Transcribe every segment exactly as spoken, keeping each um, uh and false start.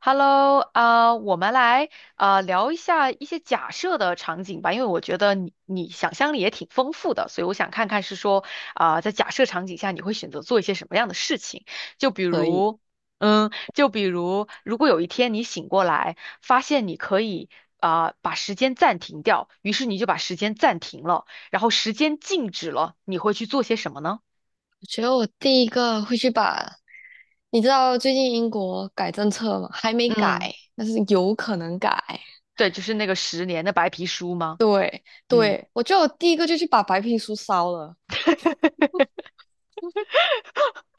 Hello，啊、我们来啊、聊一下一些假设的场景吧，因为我觉得你你想象力也挺丰富的，所以我想看看是说啊、在假设场景下你会选择做一些什么样的事情？就比可以。如，嗯，就比如，如果有一天你醒过来，发现你可以啊、把时间暂停掉，于是你就把时间暂停了，然后时间静止了，你会去做些什么呢？我觉得我第一个会去把，你知道最近英国改政策吗？还没嗯，改，但是有可能改。对，就是那个十年的白皮书吗？嗯。对，我觉得我第一个就去把白皮书烧了。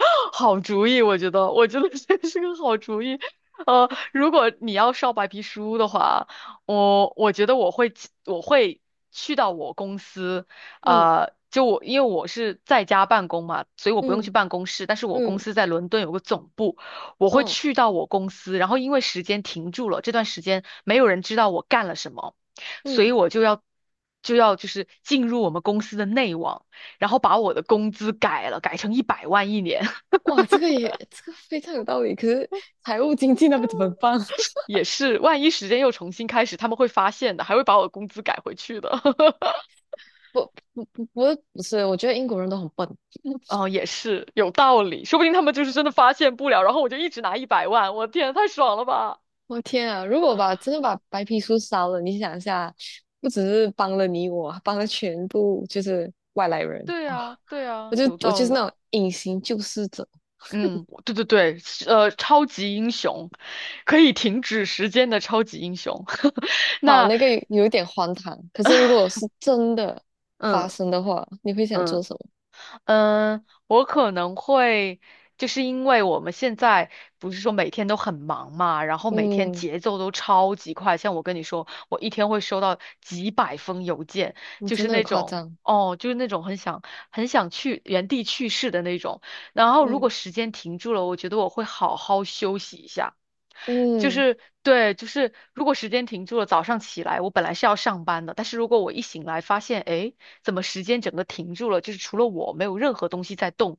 好主意，我觉得，我觉得这是个好主意。呃，如果你要烧白皮书的话，我我觉得我会去我会去到我公司，嗯呃，就我因为我是在家办公嘛，所以我不用去嗯办公室，但是我公嗯司在伦敦有个总部，我会嗯，去到我公司，然后因为时间停住了，这段时间没有人知道我干了什么，所以嗯，我就要。就要就是进入我们公司的内网，然后把我的工资改了，改成一百万一年。哇，这个也这个非常有道理。可是财务经济那边怎么办？也是，万一时间又重新开始，他们会发现的，还会把我的工资改回去的。不不不不不是，我觉得英国人都很笨。哦，也是有道理，说不定他们就是真的发现不了，然后我就一直拿一百万，我天，太爽了吧！我天啊！如果把真的把白皮书烧了，你想一下，不只是帮了你我，帮了全部就是外来人对哇！啊，对我啊，就有我道就是理。那种隐形救世者。嗯，我对对对，是呃，超级英雄，可以停止时间的超级英雄。好，那，那个有一点荒唐，可是如果是真的嗯发生的话，你会想嗯，做什么？嗯，我可能会，就是因为我们现在不是说每天都很忙嘛，然后每天嗯，节奏都超级快。像我跟你说，我一天会收到几百封邮件，你就真是的很那夸种，张。哦，就是那种很想很想去原地去世的那种。然后如果嗯时间停住了，我觉得我会好好休息一下。就嗯是对，就是如果时间停住了，早上起来我本来是要上班的，但是如果我一醒来发现，诶，怎么时间整个停住了？就是除了我，没有任何东西在动，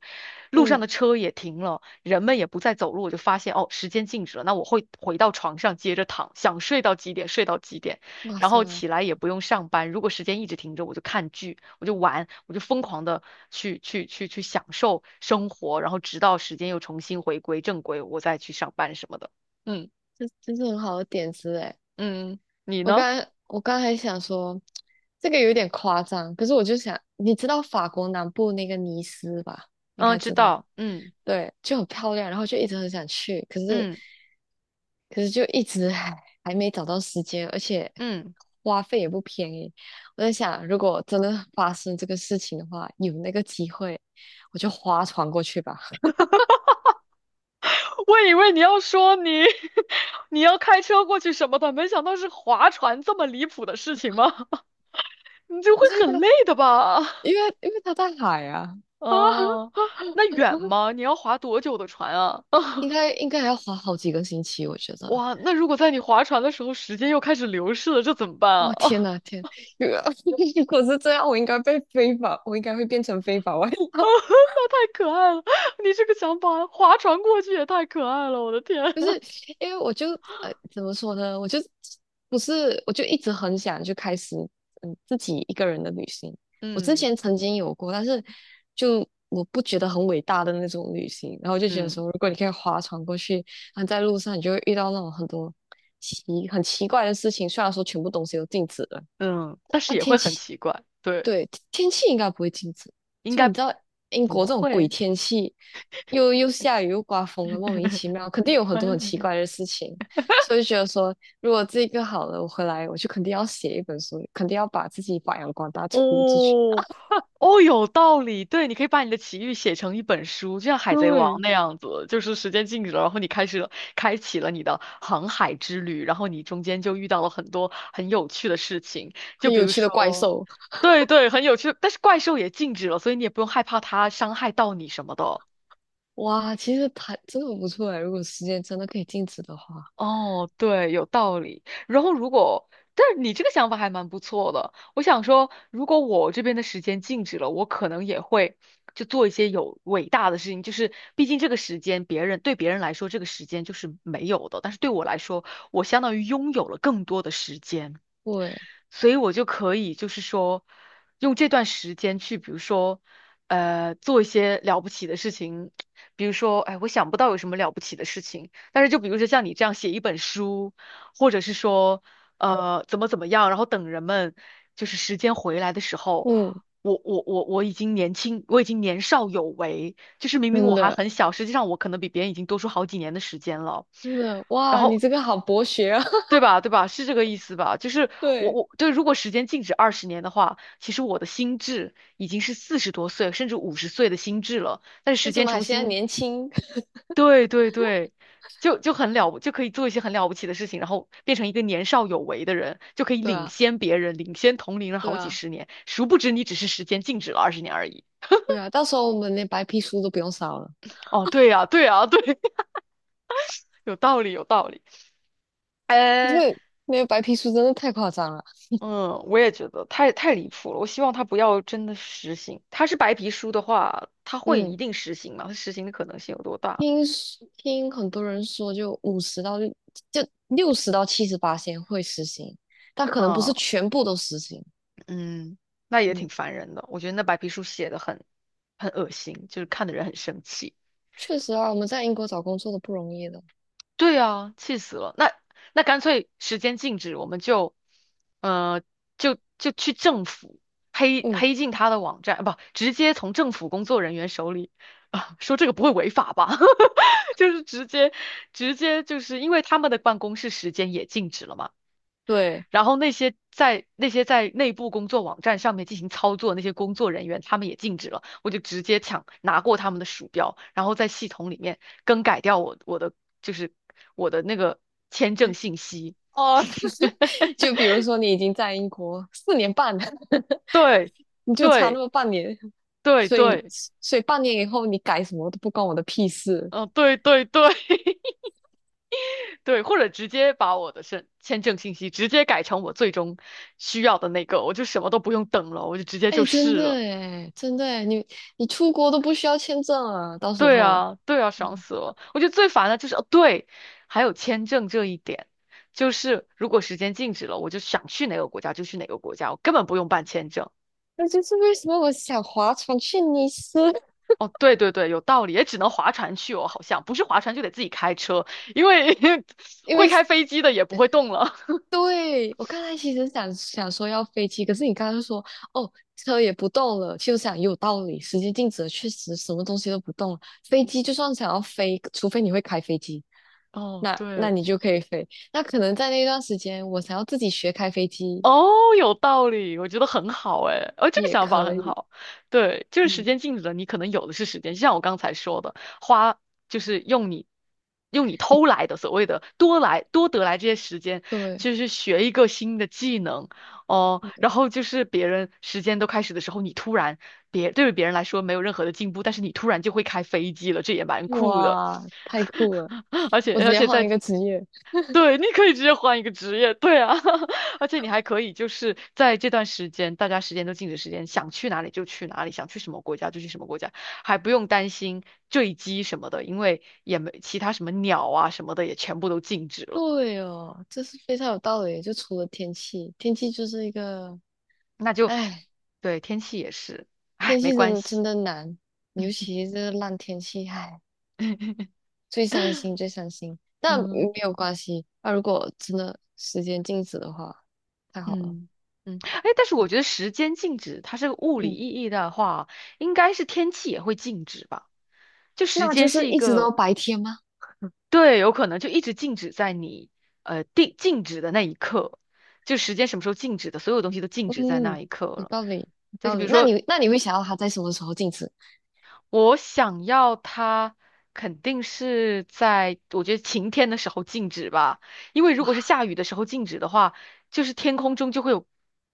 路上嗯，的车也停了，人们也不再走路，我就发现哦，时间静止了，那我会回到床上接着躺，想睡到几点睡到几点，哇然后塞，起来也不用上班。如果时间一直停着，我就看剧，我就玩，我就疯狂的去去去去享受生活，然后直到时间又重新回归正规，我再去上班什么的。嗯这这是很好的点子哎。嗯，你我刚呢？才我刚才想说，这个有点夸张，可是我就想，你知道法国南部那个尼斯吧？应嗯，该知知道，道。嗯对，就很漂亮，然后就一直很想去，可是嗯可是就一直 还还没找到时间，而且嗯，花费也不便宜。我在想，如果真的发生这个事情的话，有那个机会，我就划船过去吧。我以为你要说你 你要开车过去什么的，没想到是划船这么离谱的事情吗？你就会可是因为它很累的吧？因为因为它在海啊啊，哦，那远 吗？你要划多久的船啊？应该应该还要划好几个星期，我觉 得。哇，那如果在你划船的时候，时间又开始流逝了，这怎么办哦天啊？呐天，如果是这样，我应该被非法，我应该会变成非法外 啊，劳。那太可爱了！你这个想法，划船过去也太可爱了，我的天！不是，因为我就呃怎么说呢，我就不是，我就一直很想就开始嗯自己一个人的旅行。我之嗯前曾经有过，但是就我不觉得很伟大的那种旅行。然后就觉得嗯说，如果你可以划船过去，然后在路上你就会遇到那种很多奇很奇怪的事情，虽然说全部东西都禁止了。嗯，但是那也会天很气，奇怪，对。对，天气应该不会禁止。应就你该知道，英不国这种鬼会。天气，又又下雨又刮风的，莫名其妙，肯定有很多很奇怪的事情。所以就觉得说，如果这个好了，我回来我就肯定要写一本书，肯定要把自己发扬光大出出去。哦，哦，有道理。对，你可以把你的奇遇写成一本书，就像《海贼王》对，那样子，就是时间静止了，然后你开始了开启了你的航海之旅，然后你中间就遇到了很多很有趣的事情，就很比有如趣的怪说，兽，对对，很有趣，但是怪兽也静止了，所以你也不用害怕它伤害到你什么的。哇，其实它真的不错哎。如果时间真的可以静止的话，哦，对，有道理。然后如果，但是你这个想法还蛮不错的。我想说，如果我这边的时间静止了，我可能也会就做一些有伟大的事情。就是毕竟这个时间，别人对别人来说，这个时间就是没有的，但是对我来说，我相当于拥有了更多的时间。对，所以我就可以就是说，用这段时间去，比如说，呃，做一些了不起的事情，比如说，哎，我想不到有什么了不起的事情，但是就比如说像你这样写一本书，或者是说，呃，怎么怎么样，然后等人们就是时间回来的时候。嗯，我我我我已经年轻，我已经年少有为，就是明明我真还的很小，实际上我可能比别人已经多出好几年的时间了。真的，然哇，你后这个好博学啊。对吧？对吧？是这个意思吧？就是我对，我对，如果时间静止二十年的话，其实我的心智已经是四十多岁甚至五十岁的心智了。但是时但是我间们还重现在新，年轻。对对对，就就很了不，就可以做一些很了不起的事情，然后变成一个年少有为的人，就可以 对领啊。先别人，领先同龄人对好几啊，十年。殊不知你只是时间静止了二十年而已。对啊，到时候我们连白皮书都不用烧了，哦，对呀，对呀，对，有道理，有道理。因为没有白皮书真的太夸张了。嗯，我也觉得太太离谱了。我希望他不要真的实行。他是白皮书的话，他会一嗯，定实行吗？他实行的可能性有多大？听说听很多人说，就五十到六就六十到七十八先会实行，但可能不是啊，全部都实行。嗯，那也嗯，挺烦人的。我觉得那白皮书写的很很恶心，就是看的人很生气。确实啊，我们在英国找工作都不容易的。对啊，气死了。那那干脆时间静止，我们就，呃，就就去政府黑嗯，黑进他的网站，啊不，直接从政府工作人员手里啊，说这个不会违法吧？就是直接直接就是因为他们的办公室时间也静止了嘛。对。然后那些在那些在内部工作网站上面进行操作那些工作人员，他们也禁止了。我就直接抢拿过他们的鼠标，然后在系统里面更改掉我我的就是我的那个签证信息。哦，就是 就比如说你已经在英国四年半了，对你就差那对么半年，对所以对，所以半年以后你改什么都不关我的屁事。嗯、对对对 对，或者直接把我的身签证信息直接改成我最终需要的那个，我就什么都不用等了，我就直接就哎，真试的了。哎，真的哎，你你出国都不需要签证啊，到时对候。啊，对啊，嗯，爽死了！我觉得最烦的就是，哦，对，还有签证这一点，就是如果时间静止了，我就想去哪个国家就去哪个国家，我根本不用办签证。那就是为什么我想划船去尼斯，哦，对对对，有道理，也只能划船去哦，好像不是划船就得自己开车，因为 因会为开飞机的也不会动了。对我刚才其实想想说要飞机，可是你刚刚说哦车也不动了，其实我想也有道理，时间静止了，确实什么东西都不动了。飞机就算想要飞，除非你会开飞机，哦，那那对。你就可以飞。那可能在那段时间，我想要自己学开飞机哦，有道理，我觉得很好哎，哦，这个也想法可很以。好。对，就是时嗯，间静止了，你可能有的是时间，就像我刚才说的，花就是用你用你偷来的所谓的多来多得来这些时间，就是学一个新的技能哦，对对然后就是别人时间都开始的时候，你突然别对于别人来说没有任何的进步，但是你突然就会开飞机了，这也蛮酷的。哇，太酷了！而且我直而接且换在一个职业。对，你可以直接换一个职业，对啊，而且你还可以就是在这段时间，大家时间都静止时间，想去哪里就去哪里，想去什么国家就去什么国家，还不用担心坠机什么的，因为也没其他什么鸟啊什么的也全部都静止了，对哦，这是非常有道理的就除了天气，天气就是一个，那就哎，对天气也是，哎，天没气真关的系，真的难，尤其是这个烂天气，哎，最伤心最伤心。但没嗯有关系，那如果真的时间静止的话，太好了。嗯嗯，哎，但是我觉得时间静止，它是物理嗯，意义的话，应该是天气也会静止吧。就时那就间是是一一直都个白天吗？对，有可能就一直静止在你呃定静止的那一刻，就时间什么时候静止的，所有东西都静止在那嗯，一刻有了。道理，有再就道比如理。那说，你那你会想要它在什么时候静止？我想要它，肯定是在我觉得晴天的时候静止吧，因为如果是哇，下雨的时候静止的话，就是天空中就会有，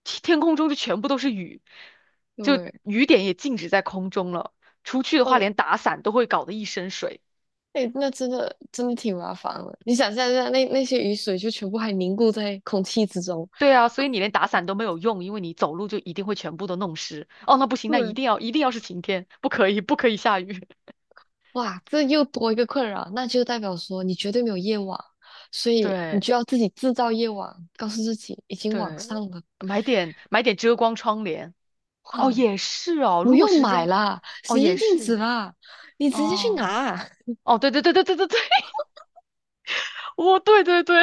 天空中就全部都是雨，就对，雨点也静止在空中了。出去的话，我连打伞都会搞得一身水。哎、那真的真的挺麻烦的。你想象一下，那那些雨水就全部还凝固在空气之中，对啊，所以你连打伞都没有用，因为你走路就一定会全部都弄湿。哦，那不行，那一对，定要一定要是晴天，不可以不可以下雨。哇，这又多一个困扰，那就代表说你绝对没有夜晚，所 以你对就要自己制造夜晚，告诉自己已经晚对，上了，买点买点遮光窗帘。哇，哦，也是哦，不如果用时买间，啦，哦时也间静止是啦，你直接去哦拿，哦，对对对对对对对，哦对对对，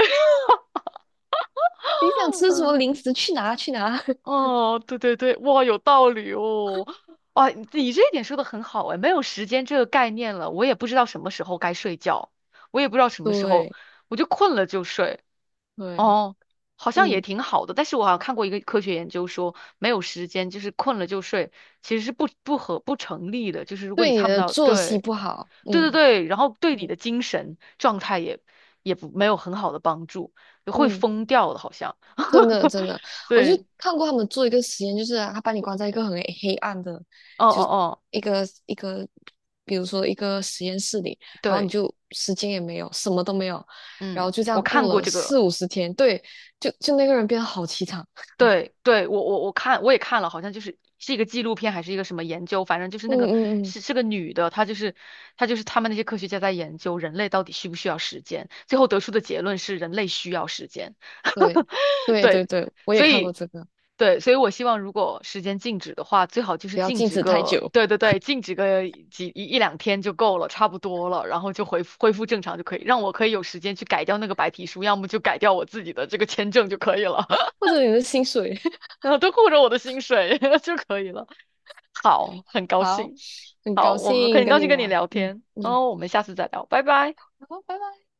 你想 吃什么嗯零食去拿去拿。哦对对对，哇有道理哦。哇，你这一点说的很好哎，没有时间这个概念了，我也不知道什么时候该睡觉，我也不知道什 么时候，对我就困了就睡。对，哦，好像也嗯，挺好的，但是我好像看过一个科学研究说，没有时间就是困了就睡，其实是不不合不成立的。就是如果对你你看不的到，作息对不好，对对嗯对，然后对你嗯的精神状态也也不没有很好的帮助，会嗯。疯掉的，好像。真的真的，我就对，看过他们做一个实验，就是啊他把你关在一个很黑暗的，哦哦就哦，一个一个，比如说一个实验室里，然后你对，就时间也没有，什么都没有，然嗯，后就这样我看过过了这个。四五十天，对，就就那个人变得好凄惨。对对，我我我看我也看了，好像就是是一个纪录片还是一个什么研究，反正就是那嗯个嗯嗯，是是个女的，她就是她就是他们那些科学家在研究人类到底需不需要时间，最后得出的结论是人类需要时间。对 对对对，对，我也所看过以这个，对，所以我希望如果时间静止的话，最好就是不要静静止止太个久，对对对，静止个几一一两天就够了，差不多了，然后就恢复恢复正常就可以，让我可以有时间去改掉那个白皮书，要么就改掉我自己的这个签证就可以了。或者你的薪水。然后都顾着我的薪水 就可以了。好，很高好，兴。很好，高我们兴很跟高你兴跟你聊，聊嗯天，然嗯，后我们下次再聊，拜拜。好，拜拜。